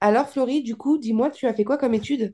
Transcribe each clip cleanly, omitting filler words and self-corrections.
Alors, Florie, du coup, dis-moi, tu as fait quoi comme étude?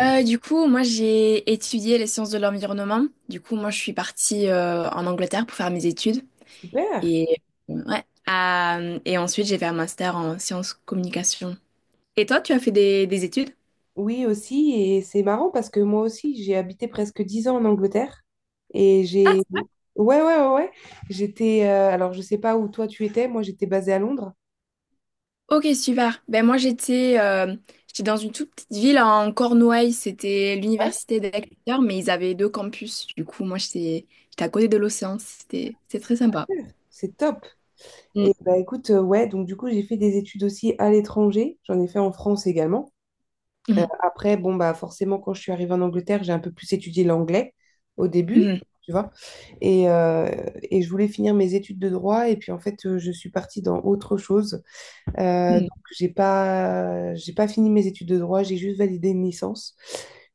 Moi j'ai étudié les sciences de l'environnement. Du coup, moi je suis partie en Angleterre pour faire mes études. Super. Et, ouais. Et ensuite, j'ai fait un master en sciences communication. Et toi, tu as fait des études? Oui, aussi, et c'est marrant parce que moi aussi, j'ai habité presque 10 ans en Angleterre et Ah, j'ai. Ouais, ouais, ouais, ouais. Alors, je sais pas où toi tu étais, moi j'étais basée à Londres. ok, super. Ben moi j'étais j'étais dans une toute petite ville en Cornouailles. C'était Ouais, l'université d'Exeter, mais ils avaient deux campus. Du coup, moi j'étais à côté de l'océan. C'était très sympa. super. C'est top. Et Mm, bah écoute, ouais, donc du coup, j'ai fait des études aussi à l'étranger. J'en ai fait en France également. Mhm, Après, bon, bah, forcément, quand je suis arrivée en Angleterre, j'ai un peu plus étudié l'anglais au début, mhm, tu vois. Et, euh, et je voulais finir mes études de droit, et puis en fait, je suis partie dans autre chose. Donc, mhm. j'ai pas fini mes études de droit, j'ai juste validé une licence.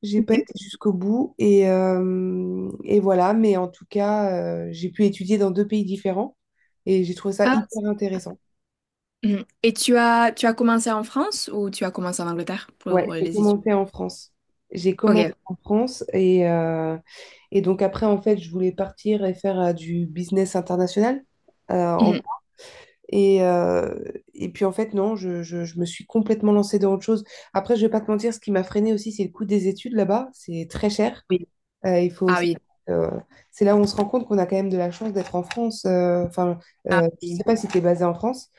J'ai pas Ok. été jusqu'au bout, et voilà. Mais en tout cas, j'ai pu étudier dans deux pays différents, et j'ai trouvé ça hyper intéressant. Mhm. Et tu as commencé en France ou tu as commencé en Angleterre Ouais, pour j'ai les études? commencé en France. J'ai commencé Ok. en France et donc après, en fait, je voulais partir et faire du business international. euh, en- Mhm. et, euh, et puis en fait, non, je me suis complètement lancée dans autre chose. Après, je vais pas te mentir, ce qui m'a freinée aussi, c'est le coût des études là-bas. C'est très cher. Oui. Il faut Ah savoir, oui. euh, c'est là où on se rend compte qu'on a quand même de la chance d'être en France. Enfin, je sais Oui, pas si tu es basée en France.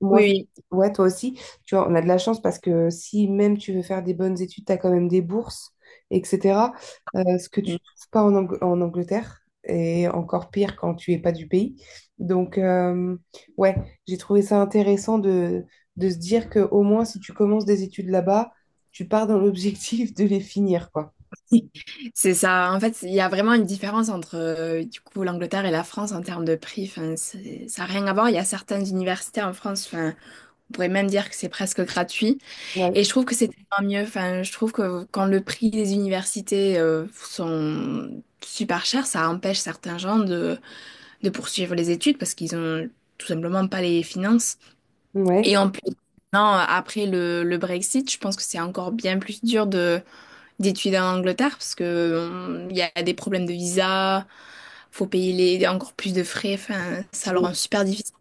Moi, aussi. oui, oui. Ouais, toi aussi. Tu vois, on a de la chance parce que si même tu veux faire des bonnes études, tu as quand même des bourses, etc. Ce que tu ne trouves pas en, Angleterre, et encore pire quand tu es pas du pays. Donc, ouais, j'ai trouvé ça intéressant de se dire que au moins, si tu commences des études là-bas, tu pars dans l'objectif de les finir, quoi. Mhm. C'est ça. En fait, il y a vraiment une différence entre du coup l'Angleterre et la France en termes de prix. Enfin, ça n'a rien à voir. Il y a certaines universités en France. Enfin, on pourrait même dire que c'est presque gratuit. Ouais. Et je trouve que c'est tellement mieux. Enfin, je trouve que quand le prix des universités sont super chers, ça empêche certains gens de poursuivre les études parce qu'ils ont tout simplement pas les finances. Ouais. Et en plus, non, après le Brexit, je pense que c'est encore bien plus dur de d'étudier en Angleterre parce que il y a des problèmes de visa, faut payer les, encore plus de frais, enfin, ça leur rend super difficile.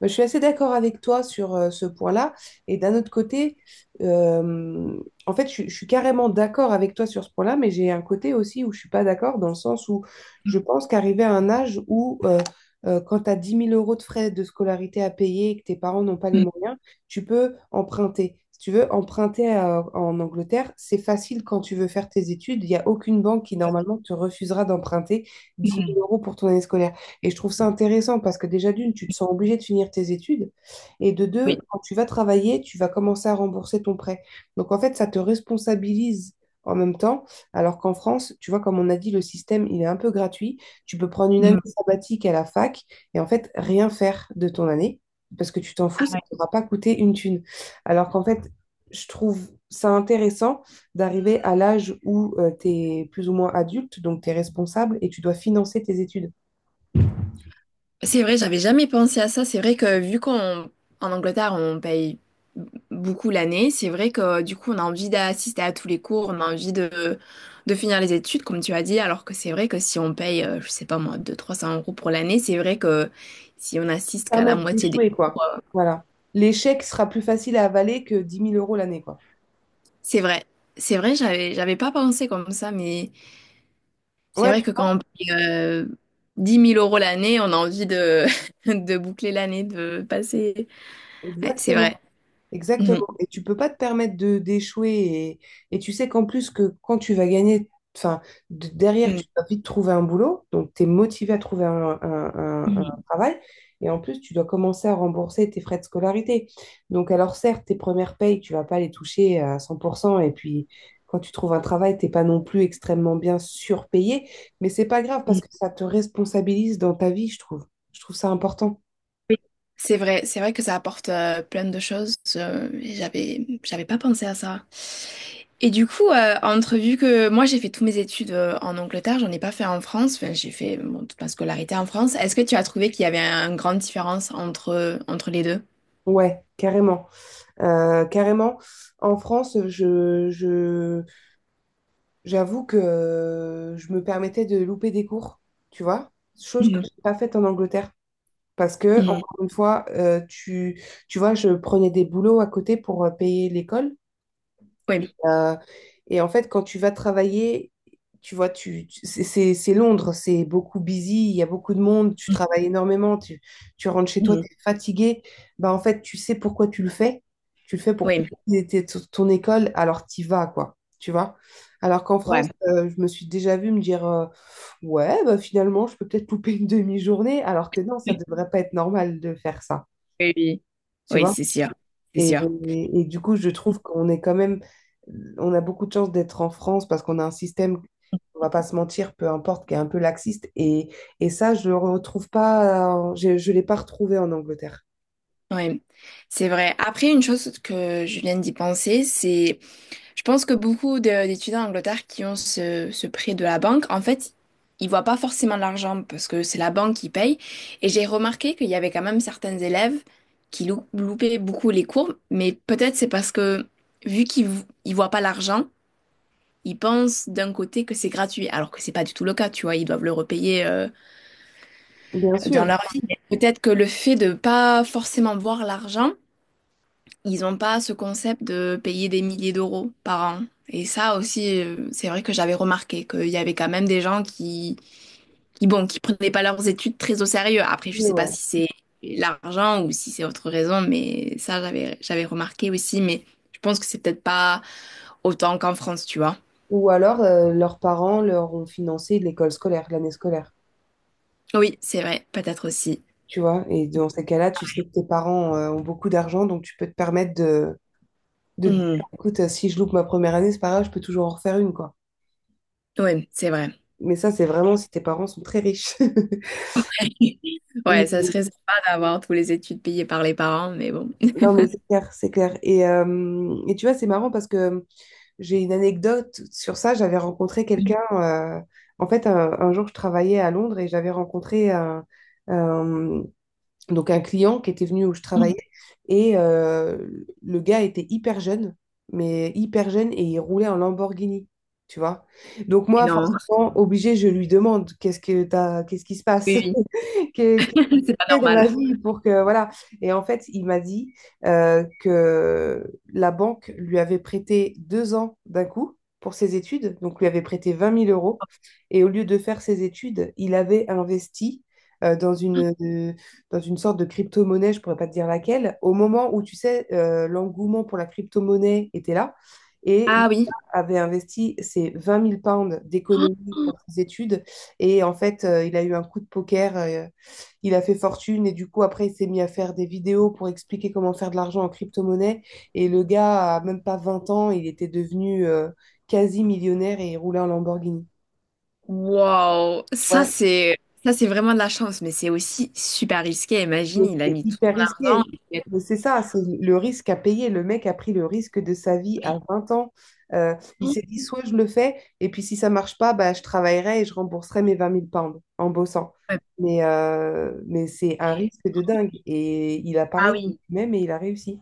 Bah, je suis assez d'accord avec toi sur ce point-là. Et d'un autre côté, euh, en fait, je suis carrément d'accord avec toi sur ce point-là, mais j'ai un côté aussi où je suis pas d'accord, dans le sens où je pense qu'arriver à un âge où, quand tu as 10 000 euros de frais de scolarité à payer et que tes parents n'ont pas les moyens, tu peux emprunter. Si tu veux emprunter en Angleterre, c'est facile quand tu veux faire tes études. Il n'y a aucune banque qui, normalement, te refusera d'emprunter dix mille Mhm. euros pour ton année scolaire. Et je trouve ça intéressant parce que déjà, d'une, tu te sens obligé de finir tes études. Et de Oui. deux, quand tu vas travailler, tu vas commencer à rembourser ton prêt. Donc, en fait, ça te responsabilise en même temps. Alors qu'en France, tu vois, comme on a dit, le système, il est un peu gratuit. Tu peux prendre une année Mhm. sabbatique à la fac et en fait, rien faire de ton année parce que tu t'en fous, ça Ah, ne t'aura pas coûté une thune. Alors qu'en fait, je trouve ça intéressant d'arriver à l'âge où tu es plus ou moins adulte, donc tu es responsable et tu dois financer tes études. c'est vrai, j'avais jamais pensé à ça. C'est vrai que vu qu'on en Angleterre, on paye beaucoup l'année, c'est vrai que du coup, on a envie d'assister à tous les cours, on a envie de finir les études, comme tu as dit, alors que c'est vrai que si on paye, je sais pas moi, 300 euros pour l'année, c'est vrai que si on assiste qu'à la Permettre moitié des... d'échouer, quoi. Voilà. L'échec sera plus facile à avaler que 10 000 euros l'année, quoi. C'est vrai, c'est vrai, j'avais pas pensé comme ça, mais c'est Ouais, vrai que quand on paye 10 000 euros l'année, on a envie de, de boucler l'année, de passer... Ouais, c'est exactement. vrai. Exactement. Mhm. Et tu peux pas te permettre de d'échouer. Et tu sais qu'en plus que quand tu vas gagner, enfin, derrière, tu vas vite trouver un boulot. Donc, tu es motivé à trouver un, un- un- Mhm. un travail. Et en plus, tu dois commencer à rembourser tes frais de scolarité. Donc, alors certes, tes premières payes, tu vas pas les toucher à 100%. Et puis, quand tu trouves un travail, t'es pas non plus extrêmement bien surpayé. Mais c'est pas grave parce que ça te responsabilise dans ta vie, je trouve. Je trouve ça important. Oui, c'est vrai, c'est vrai que ça apporte plein de choses. Et j'avais pas pensé à ça. Et du coup, entre vu que moi j'ai fait toutes mes études en Angleterre, j'en ai pas fait en France. Enfin, j'ai fait bon, toute ma scolarité en France. Est-ce que tu as trouvé qu'il y avait une grande différence entre les deux? Ouais, carrément. Carrément, en France, j'avoue que je me permettais de louper des cours, tu vois, chose que je Mhm. n'ai pas faite en Angleterre. Parce que, Mhm. encore une fois, tu vois, je prenais des boulots à côté pour payer l'école. Oui, Euh, et en fait, quand tu vas travailler, tu vois, c'est Londres, c'est beaucoup busy, il y a beaucoup de monde, tu travailles énormément, tu rentres chez toi, mhm, tu es fatigué. Bah, en fait, tu sais pourquoi tu le fais. Tu le fais pour oui, payer ton école, alors t'y vas, quoi. Tu vois? Alors qu'en France, ouais. Je me suis déjà vue me dire ouais, bah, finalement, je peux peut-être louper une demi-journée, alors que non, ça devrait pas être normal de faire ça. Oui, oui, Tu oui, vois? c'est sûr, c'est Et, sûr. et du coup, je trouve qu'on est quand même, on a beaucoup de chance d'être en France parce qu'on a un système, on va pas se mentir, peu importe, qui est un peu laxiste. Et ça, je le retrouve pas, je l'ai pas retrouvé en Angleterre. Oui, c'est vrai. Après, une chose que je viens d'y penser, c'est je pense que beaucoup d'étudiants en Angleterre qui ont ce prêt de la banque, en fait, ils voient pas forcément l'argent parce que c'est la banque qui paye. Et j'ai remarqué qu'il y avait quand même certains élèves qui loupaient beaucoup les cours, mais peut-être c'est parce que vu qu'ils ils voient pas l'argent, ils pensent d'un côté que c'est gratuit, alors que c'est pas du tout le cas, tu vois, ils doivent le repayer Bien dans sûr, leur vie. Mais peut-être que le fait de pas forcément voir l'argent, ils n'ont pas ce concept de payer des milliers d'euros par an. Et ça aussi, c'est vrai que j'avais remarqué qu'il y avait quand même des gens qui, bon, qui prenaient pas leurs études très au sérieux. Après, je oui, sais pas ouais. si c'est l'argent ou si c'est autre raison, mais ça, j'avais remarqué aussi. Mais je pense que c'est peut-être pas autant qu'en France, tu vois. Ou alors, leurs parents leur ont financé l'école scolaire, l'année scolaire, Oui, c'est vrai, peut-être aussi. tu vois. Et dans ces cas-là, tu sais que tes parents, ont beaucoup d'argent, donc tu peux te permettre de te dire, Mhm. écoute, si je loupe ma première année, c'est pas grave, je peux toujours en refaire une, quoi. Oui, c'est vrai. Mais ça, c'est vraiment si tes parents sont très riches. Ouais, ça Mais serait sympa d'avoir tous les études payées par les parents, mais bon. non, mais c'est clair, c'est clair. Et tu vois, c'est marrant parce que j'ai une anecdote sur ça. J'avais rencontré quelqu'un. En fait, un jour, je travaillais à Londres et j'avais rencontré un- donc un client qui était venu où je travaillais. Et le gars était hyper jeune, mais hyper jeune et il roulait en Lamborghini. Tu vois? Donc, Et moi, non, forcément, obligé, je lui demande qu'est-ce que t'as, qu'est-ce qui se oui, passe? oui, fait c'est pas dans normal. la vie pour que voilà. Et en fait, il m'a dit que la banque lui avait prêté 2 ans d'un coup pour ses études, donc lui avait prêté 20 000 euros. Et au lieu de faire ses études, il avait investi euh, dans une, euh, dans une sorte de crypto-monnaie, je pourrais pas te dire laquelle, au moment où tu sais, l'engouement pour la crypto-monnaie était là. Et le Ah gars oui. avait investi ses 20 000 pounds d'économie pour ses études. Et en fait, il a eu un coup de poker. Il a fait fortune et du coup après il s'est mis à faire des vidéos pour expliquer comment faire de l'argent en crypto-monnaie et le gars a même pas 20 ans, il était devenu quasi millionnaire et il roulait en Lamborghini. Wow, ça Ouais, c'est, ça c'est vraiment de la chance, mais c'est aussi super risqué. Imagine, donc il a c'est mis tout hyper son argent. risqué. Il a Mais c'est ça, c'est le risque à payer. Le mec a pris le risque de sa vie à 20 ans. Il tout s'est dit, soit je le fais, et puis si ça marche pas, bah, je travaillerai et je rembourserai mes 20 000 pounds en bossant. fait. Mais c'est un Et- risque de dingue. Et il a Ah parié oui, même et il a réussi.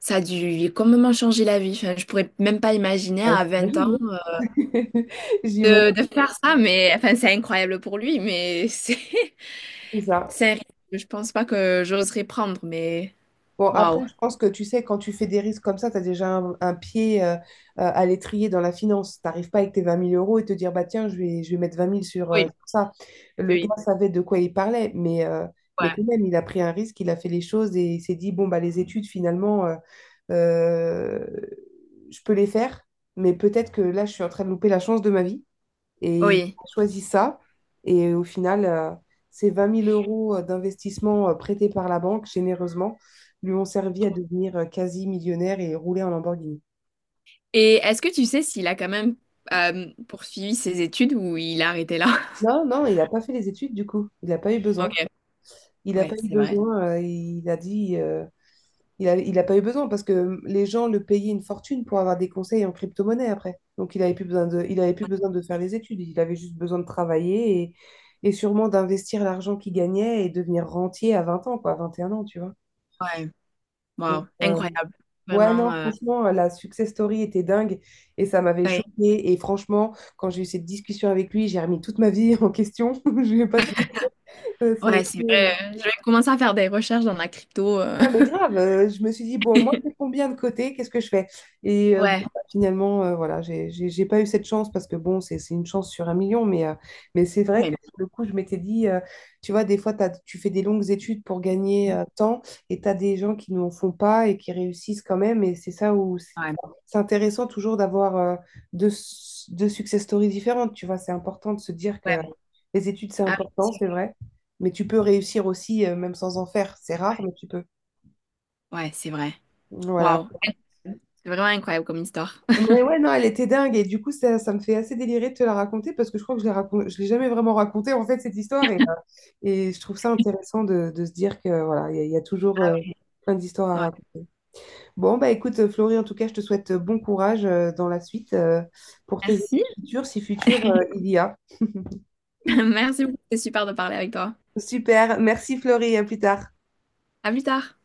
ça a dû complètement changer la vie. Enfin, je pourrais même pas imaginer Ouais, à 20 ans j'imagine, j'imagine de faire ça, mais enfin, c'est incroyable pour lui, mais c'est ça. c'est un risque que je pense pas que j'oserais prendre, mais Bon, après, waouh. je pense que tu sais, quand tu fais des risques comme ça, tu as déjà un pied à l'étrier dans la finance. Tu n'arrives pas avec tes 20 000 euros et te dire, bah tiens, je vais mettre vingt mille sur, euh, Oui, sur ça. Le oui. gars savait de quoi il parlait, mais quand Ouais. même, il a pris un risque, il a fait les choses et il s'est dit, bon, bah les études, finalement, euh, je peux les faire, mais peut-être que là, je suis en train de louper la chance de ma vie. Et il Oui. a choisi ça. Et au final, ces 20 000 euros d'investissement prêtés par la banque généreusement lui ont servi à devenir quasi millionnaire et rouler en Lamborghini. Et est-ce que tu sais s'il a quand même poursuivi ses études ou il a arrêté là? Non, non, il n'a pas fait les études du coup. Il n'a pas eu besoin. Ok. Il n'a Ouais, pas eu c'est vrai. besoin. Il a dit. Il a pas eu besoin parce que les gens le payaient une fortune pour avoir des conseils en crypto-monnaie après. Donc il n'avait plus besoin de, il avait plus besoin de faire les études. Il avait juste besoin de travailler et sûrement d'investir l'argent qu'il gagnait et devenir rentier à 20 ans, quoi, à 21 ans, tu vois. Ouais, Donc, wow, incroyable. ouais, Vraiment, non, franchement, la success story était dingue et ça m'avait ouais, choquée. Et franchement, quand j'ai eu cette discussion avec lui, j'ai remis toute ma vie en question. Je vais pas te. Euh, ça a ouais, été, c'est euh, vrai. Je vais commencer à faire des recherches dans la crypto. Non, mais grave, je me suis dit, bon, moi, j'ai combien de côté, qu'est-ce que je fais? Et bon, Ouais, bah, finalement, voilà, j'ai pas eu cette chance parce que, bon, c'est une chance sur un million, mais c'est vrai ouais, que sur le coup, je m'étais dit, tu vois, des fois, tu fais des longues études pour gagner tant et tu as des gens qui n'en font pas et qui réussissent quand même. Et c'est ça où c'est ouais, enfin, c'est intéressant toujours d'avoir deux success stories différentes, tu vois, c'est important de se dire que ouais, les études, c'est ah oui, important, c'est sûr, c'est vrai, mais tu peux réussir aussi, même sans en faire, c'est rare, mais tu peux. ouais, c'est vrai. Voilà. Wow, c'est vraiment incroyable comme histoire. Mais ouais, non, elle était dingue. Et du coup, ça me fait assez délirer de te la raconter parce que je crois que je l'ai je l'ai jamais vraiment racontée, en fait, cette histoire. Et je trouve ça intéressant de, se dire que voilà, il y a toujours Ah oui, plein d'histoires à ouais. raconter. Bon, bah écoute, Florie, en tout cas, je te souhaite bon courage dans la suite pour tes études Merci. futures, si futures il y a. Merci beaucoup, c'était super de parler avec toi. Super. Merci, Florie. À plus tard. À plus tard.